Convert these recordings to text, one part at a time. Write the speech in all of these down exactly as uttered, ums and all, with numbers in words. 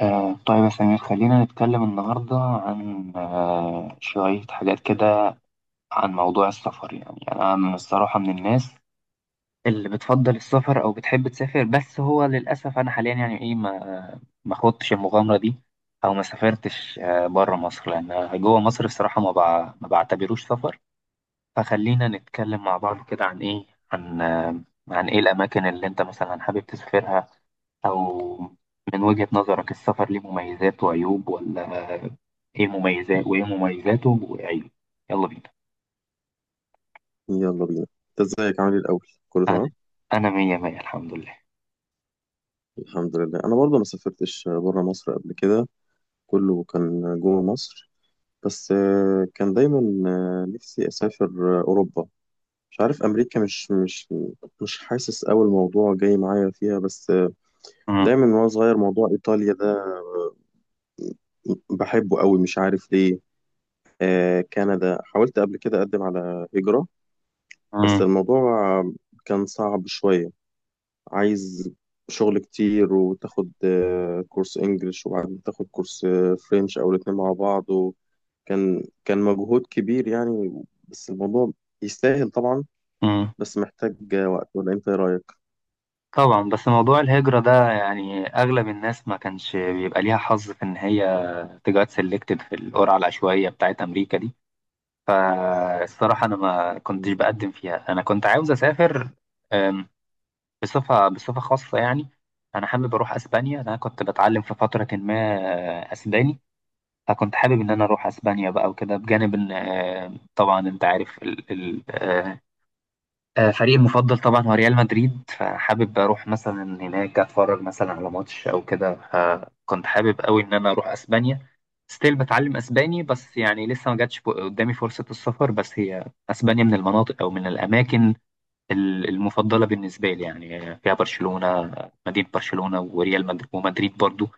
آه طيب يا سمير، خلينا نتكلم النهاردة عن آه شوية حاجات كده عن موضوع السفر. يعني يعني أنا من الصراحة من الناس اللي بتفضل السفر أو بتحب تسافر، بس هو للأسف أنا حاليا يعني إيه، ما ما خدتش المغامرة دي، أو ما سافرتش آه بره مصر، لأن جوه مصر الصراحة ما بع... ما بعتبروش سفر. فخلينا نتكلم مع بعض كده عن إيه عن آه عن إيه الأماكن اللي أنت مثلا حابب تسافرها، أو من وجهة نظرك السفر ليه مميزات وعيوب ولا إيه؟ مميزات وإيه مميزاته وعيوب. يلا بينا. يلا بينا، انت ازيك؟ عامل ايه الاول؟ كله أنا تمام؟ أنا مية مية الحمد لله. الحمد لله، انا برضه ما سافرتش بره مصر قبل كده، كله كان جوه مصر. بس آه، كان دايما آه، نفسي اسافر آه، اوروبا. مش عارف امريكا، مش مش مش حاسس قوي الموضوع جاي معايا فيها. بس آه، مم. دايما وانا صغير موضوع ايطاليا ده بحبه قوي، مش عارف ليه. آه، كندا حاولت قبل كده اقدم على هجرة، بس مم. الموضوع كان صعب شوية. عايز شغل كتير، وتاخد آه، كورس انجليش وبعدين تاخد كورس آه، فرنش او الاتنين مع بعض، وكان كان مجهود كبير يعني. بس الموضوع يستاهل طبعا، مم. بس محتاج آه، وقت. ولا انت ايه رايك؟ طبعا بس موضوع الهجرة ده يعني أغلب الناس ما كانش بيبقى ليها حظ في إن هي تجات سيلكتد في القرعة العشوائية بتاعت أمريكا دي. فالصراحة أنا ما كنتش مم. بقدم فيها، أنا كنت عاوز أسافر بصفة بصفة خاصة يعني. أنا حابب أروح أسبانيا، أنا كنت بتعلم في فترة ما أسباني، فكنت حابب إن أنا أروح أسبانيا بقى وكده، بجانب إن آه، طبعا أنت عارف ال- ال- آه، آه، فريقي المفضل طبعا هو ريال مدريد، فحابب أروح مثلا هناك أتفرج مثلا على ماتش أو كده. فكنت حابب أوي إن أنا أروح أسبانيا، ستيل بتعلم أسباني، بس يعني لسه ما جاتش قدامي فرصة السفر. بس هي أسبانيا من المناطق أو من الأماكن ال- المفضلة بالنسبة لي، يعني فيها برشلونة، مدينة برشلونة وريال مدريد ومدريد برضو.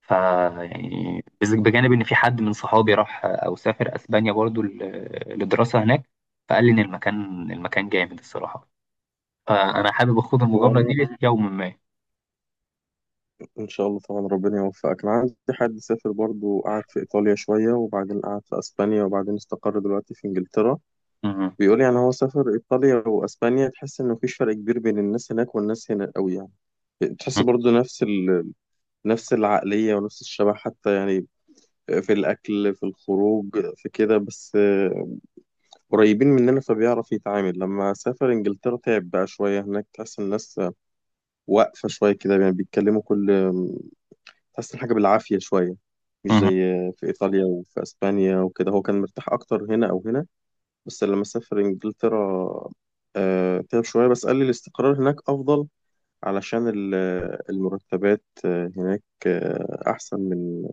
ف يعني بز- بجانب إن في حد من صحابي راح أو سافر أسبانيا برضو ل- لدراسة هناك، فقال لي إن المكان المكان جامد الصراحة، فأنا حابب أخوض هو المغامرة انا دي في يوم ما. ان شاء الله طبعا ربنا يوفقك. انا عندي حد سافر برضو، قعد في ايطاليا شويه وبعدين قعد في اسبانيا وبعدين استقر دلوقتي في انجلترا. مهم. بيقول يعني هو سافر ايطاليا واسبانيا، تحس ان مفيش فرق كبير بين الناس هناك والناس هنا قوي يعني. تحس برضو نفس ال نفس العقلية ونفس الشبه حتى يعني، في الأكل، في الخروج، في كده. بس آه، قريبين مننا فبيعرف يتعامل. لما سافر إنجلترا تعب بقى شوية هناك، تحس الناس واقفة شوية كده يعني، بيتكلموا كل تحس الحاجة بالعافية شوية، مش زي مهم. في إيطاليا وفي أسبانيا وكده. هو كان مرتاح أكتر هنا أو هنا، بس لما سافر إنجلترا آه، تعب شوية. بس قال لي الاستقرار هناك أفضل، علشان ال- المرتبات آه، هناك آه، أحسن من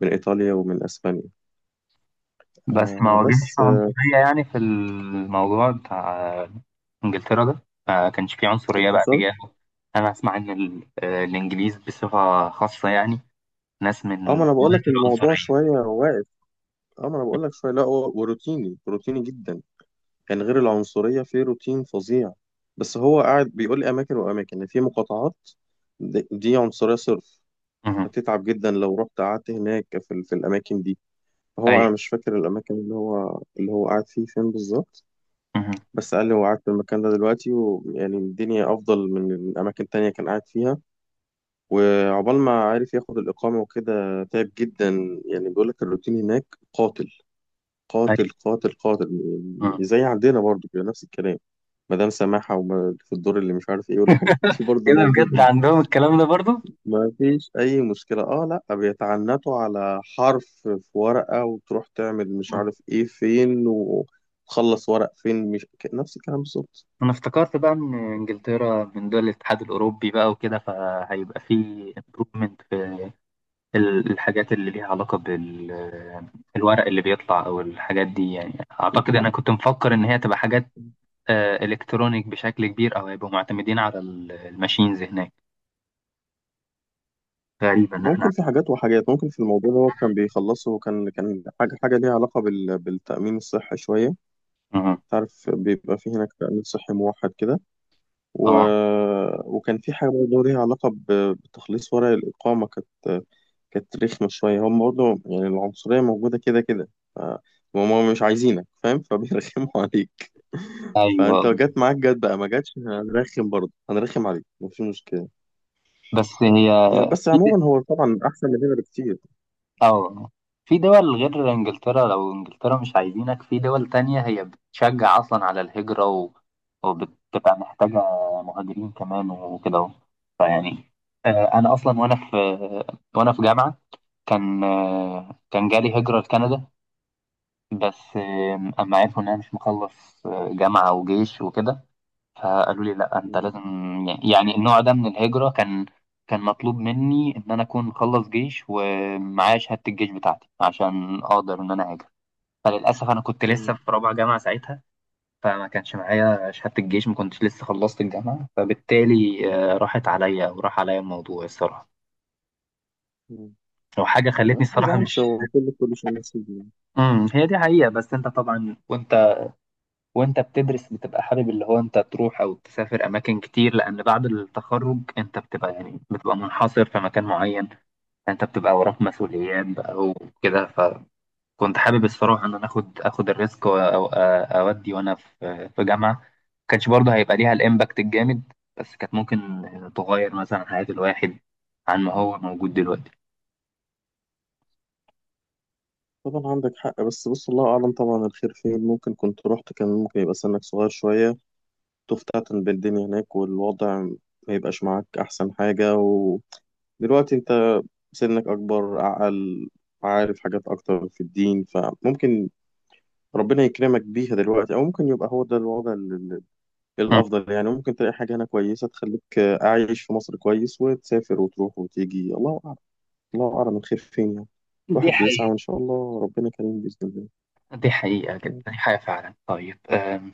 من إيطاليا ومن أسبانيا. بس ما آه واجهش بس آه عنصرية يعني في الموضوع بتاع إنجلترا ده؟ ما كانش فيه عنصرية اللي بقى حصل، تجاهه؟ أنا أسمع إن ال- الإنجليز بصفة خاصة يعني ناس من اه ما انا بقول لك قوات الموضوع العنصرية. شويه واقف. اه ما انا بقول لك شويه، لا هو وروتيني، روتيني جدا يعني، غير العنصريه في روتين فظيع. بس هو قاعد بيقول لي اماكن واماكن، يعني في مقاطعات دي دي عنصريه صرف، مهم. هتتعب جدا لو رحت قعدت هناك في, ال- في الاماكن دي. هو انا أيوه. مش فاكر الاماكن اللي هو اللي هو قاعد فيه فين بالظبط. مهم. بس قال لي هو قاعد في المكان ده دلوقتي، ويعني الدنيا افضل من من اماكن تانية كان قاعد فيها. وعقبال ما عارف ياخد الإقامة وكده تعب جدا. يعني بيقول لك الروتين هناك قاتل، قاتل أيوه. قاتل قاتل. مهم. زي عندنا برضو كده نفس الكلام، مدام سماحة وما في الدور اللي مش عارف ايه والحاجات دي برضو إيه ده موجودة. بجد عندهم الكلام ده برضو؟ ما فيش أي مشكلة، اه لا، بيتعنتوا على حرف في ورقة وتروح تعمل مش مم. عارف ايه فين وتخلص ورق فين، مش ك- نفس الكلام بالظبط. أنا افتكرت بقى إن إنجلترا من دول الاتحاد الأوروبي بقى وكده، فهيبقى فيه improvement في ال- الحاجات اللي ليها علاقة بالورق اللي بيطلع أو الحاجات دي، يعني أعتقد أنا كنت مفكر إن هي تبقى حاجات آه، إلكترونيك بشكل كبير، أو هيبقوا معتمدين على ال- الماشينز هناك. غريبة إن إحنا. ممكن في حاجات وحاجات، ممكن في الموضوع اللي هو كان بيخلصه كان كان حاجة حاجة ليها علاقة بال... بالتأمين الصحي شوية. مهم. تعرف بيبقى في هناك تأمين صحي موحد كده، و... آه. وكان في حاجة برضه ليها علاقة ب... بتخليص ورق الإقامة. كانت كانت رخمة شوية. هم برضه يعني العنصرية موجودة كده كده. ف... هم مش عايزينك فاهم فبيرخموا عليك. فانت أيوه. لو جت معاك جت، بقى ما جاتش هنرخم برضه، هنرخم عليك مفيش مشكلة. بس هي، يعني بس عموما هو طبعا أحسن من هنا أو في دول غير إنجلترا، لو إنجلترا مش عايزينك في دول تانية هي بتشجع أصلا على الهجرة، و... وبتبقى محتاجة مهاجرين كمان وكده أهو. فيعني آه، أنا أصلا وأنا في وأنا في جامعة، كان آه، كان جالي هجرة لكندا، بس آه، أما عرفوا إن أنا مش مخلص آه، جامعة وجيش وكده، فقالوا لي لا انت بكتير. لازم يعني النوع ده من الهجرة كان كان مطلوب مني ان انا اكون مخلص جيش ومعايا شهادة الجيش بتاعتي عشان اقدر ان انا هاجر. فللاسف انا كنت لسه في رابعة جامعة ساعتها، فما كانش معايا شهادة الجيش، ما كنتش لسه خلصت الجامعة، فبالتالي آه، راحت عليا وراح عليا الموضوع الصراحة، وحاجة خلتني لا ما الصراحة تزعلش، مش. هو كل كل شيء نصيب يعني. امم هي دي حقيقة، بس انت طبعا وانت وانت بتدرس بتبقى حابب اللي هو انت تروح او تسافر اماكن كتير، لان بعد التخرج انت بتبقى يعني بتبقى منحصر في مكان معين، انت بتبقى وراك مسؤوليات بقى وكده، فكنت حابب الصراحه ان انا اخد اخد الريسك و- او أ- اودي وانا في في جامعه. ما كانش برضه هيبقى ليها الامباكت الجامد، بس كانت ممكن تغير مثلا حياه الواحد عن ما هو موجود دلوقتي. طبعا عندك حق، بس بص، الله أعلم طبعا الخير فين. ممكن كنت رحت كان ممكن يبقى سنك صغير شوية، تفتتن بالدنيا هناك والوضع ما يبقاش معاك أحسن حاجة. ودلوقتي أنت سنك أكبر، أعقل، عارف حاجات أكتر في الدين، فممكن ربنا يكرمك بيها دلوقتي. أو ممكن يبقى هو ده الوضع ال- ال- مم. الأفضل يعني. ممكن تلاقي حاجة هنا كويسة تخليك أعيش في مصر كويس وتسافر وتروح وتيجي. الله، الله أعلم الخير فين يعني. دي الواحد بيسعى حقيقة. وإن شاء الله ربنا كريم بإذن دي حقيقة جدا، الله. دي حقيقة فعلا. طيب آم،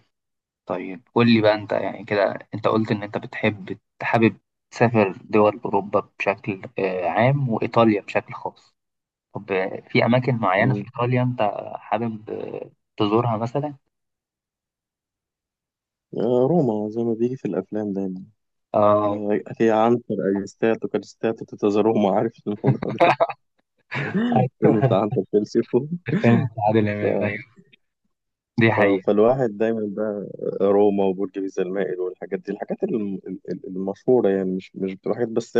طيب قول لي بقى انت، يعني كده انت قلت ان انت بتحب حابب تسافر دول اوروبا بشكل آه، عام وايطاليا بشكل خاص. طب آه، في اماكن معينة في مم. ايطاليا انت حابب آه، تزورها مثلا؟ آه، روما زي ما بيجي في الأفلام دايما. اه. آه، أتي عنتر، أجستاتو كاريستاتو تيتا روما، عارف الموضوع ده؟ ايوه. الفيلم بتاع عنتر فيلسيفو. فيلم عادل ف... امام، ايوه دي ف... حقيقة. فالواحد دايما بقى روما وبرج بيزا المائل والحاجات دي، الحاجات الم... ال- المشهورة يعني، مش مش بتبقى حاجات بس.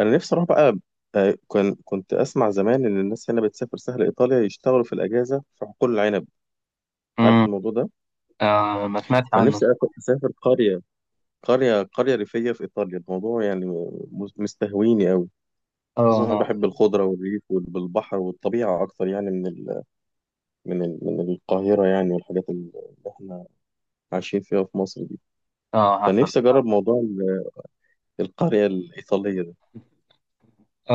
أنا نفسي أروح بقى. آه، كان كنت أسمع زمان إن الناس هنا بتسافر سهل إيطاليا يشتغلوا في الأجازة في حقول العنب. عارف امم. الموضوع ده؟ آه ما سمعتش عنه فنفسي الصراحة. أسافر قرية قرية قرية ريفية في إيطاليا. الموضوع يعني مز- مستهويني أوي. اه خصوصا أنا انا. بحب الخضرة والريف والبحر والطبيعة أكتر يعني من ال من ال من القاهرة يعني، والحاجات اللي إحنا عايشين فيها في مصر دي. اه حصل. فنفسي أجرب موضوع ال- القرية الإيطالية ده.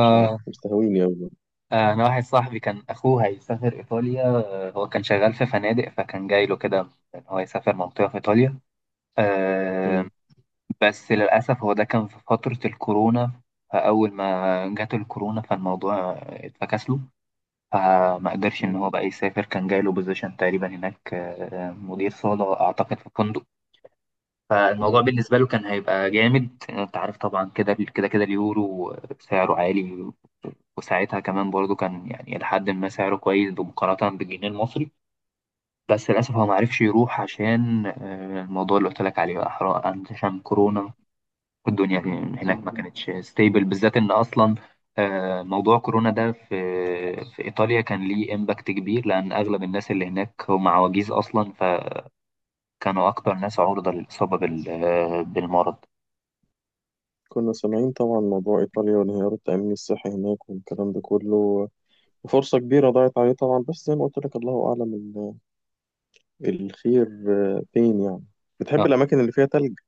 مش عارف، مستهويني أوي. آه، انا واحد صاحبي كان اخوه هيسافر ايطاليا، آه، هو كان شغال في فنادق فكان جاي له كده ان هو يسافر منطقة في ايطاليا. آه. مم. بس للأسف هو ده كان في فترة الكورونا، فأول ما جات الكورونا فالموضوع اتفكس له، فما قدرش إن مم. هو بقى يسافر. كان جاي له بوزيشن تقريبا هناك، آه، مدير صالة أعتقد في فندق. فالموضوع مم. بالنسبة له كان هيبقى جامد. أنت عارف طبعا كده كده كده اليورو سعره عالي، وساعتها كمان برضو كان يعني لحد ما سعره كويس بمقارنة بالجنيه المصري. بس للأسف هو معرفش يروح عشان آه، الموضوع اللي قلت لك عليه بقى حرام، عشان كورونا والدنيا هناك ما مم. كانتش ستيبل، بالذات ان اصلا آه، موضوع كورونا ده في في ايطاليا كان ليه امباكت كبير، لان اغلب الناس اللي هناك هم عواجيز اصلا، فكانوا اكتر ناس عرضة للاصابة بال- آه، بالمرض. كنا سامعين طبعا موضوع إيطاليا وانهيار التأمين الصحي هناك والكلام ده كله. فرصة كبيرة ضاعت عليه طبعا، بس زي ما قلت لك الله أعلم الخير آه، فين يعني. بتحب آه. الأماكن اللي فيها تلج؟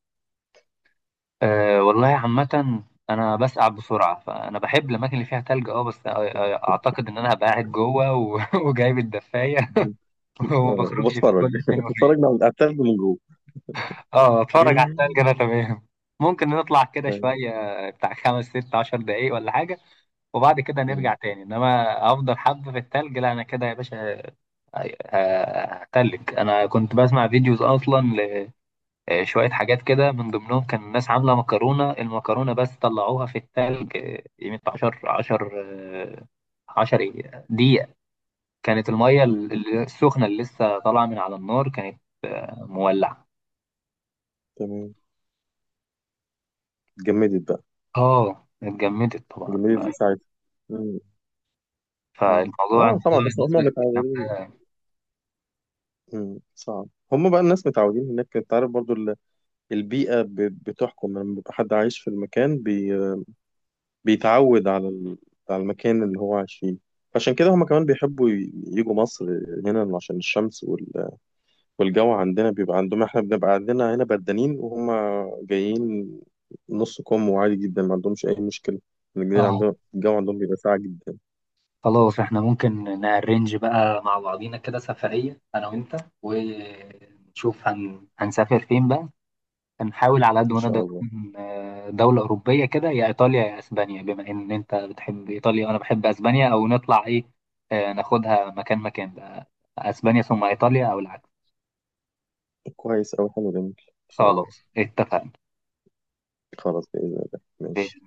آه، والله عامة انا بسقع بسرعة، فانا بحب الاماكن اللي فيها تلج. اه بس آه، آه، اعتقد ان انا هبقى قاعد جوه و- وجايب الدفاية آه، وما بخرجش في وبتفرج كل فين بتفرج من وفين. على التلج من جوه. اه اتفرج على التاني كده تمام. ممكن نطلع كده أيوة. شوية بتاع خمس ست عشر دقايق ولا حاجة، وبعد كده نرجع مم. تاني، انما افضل حبة في التلج لا، انا كده يا باشا ه- هتلج. انا كنت بسمع فيديوز اصلا لشوية حاجات كده، من ضمنهم كان الناس عاملة مكرونة، المكرونة بس طلعوها في التلج قيمة عشر عشر آه، عشر إيه؟ دقيقة. كانت المية ال- مم. ال- السخنة اللي لسه طالعة من على النار كانت مولعة. تمام، جمدت بقى، اه اتجمدت طبعا. جمدت في ساعتها. مم. مم. فالموضوع اه الموضوع طبعا، بس هم بالنسبة لك إن إحنا-. متعودين. مم. صعب، هم بقى الناس متعودين هناك. انت عارف برضو ال- البيئة ب- بتحكم، لما بيبقى حد عايش في المكان بي... بيتعود على ال... على المكان اللي هو عايش فيه. عشان كده هم كمان بيحبوا ي- يجوا مصر هنا عشان الشمس والجو. عندنا بيبقى عندهم، احنا بنبقى عندنا هنا بدانين وهم جايين نص كم وعادي جدا، ما عندهمش اي مشكله. الجو اه عندهم، الجو عندهم بيبقى ساقع جدا. خلاص احنا ممكن نأرنج بقى مع بعضينا كده سفرية أنا وأنت، ونشوف هن... هنسافر فين بقى. هنحاول على قد ان ما نقدر شاء الله، نكون، آه، دولة أوروبية كده، يا إيطاليا يا أسبانيا، بما إن أنت بتحب إيطاليا وأنا بحب أسبانيا. أو نطلع إيه، آه، ناخدها مكان مكان بقى، أسبانيا ثم إيطاليا أو العكس. كويس اوي، حلو جميل، ان شاء الله. خلاص اتفقنا. خلاص باذن الله ماشي.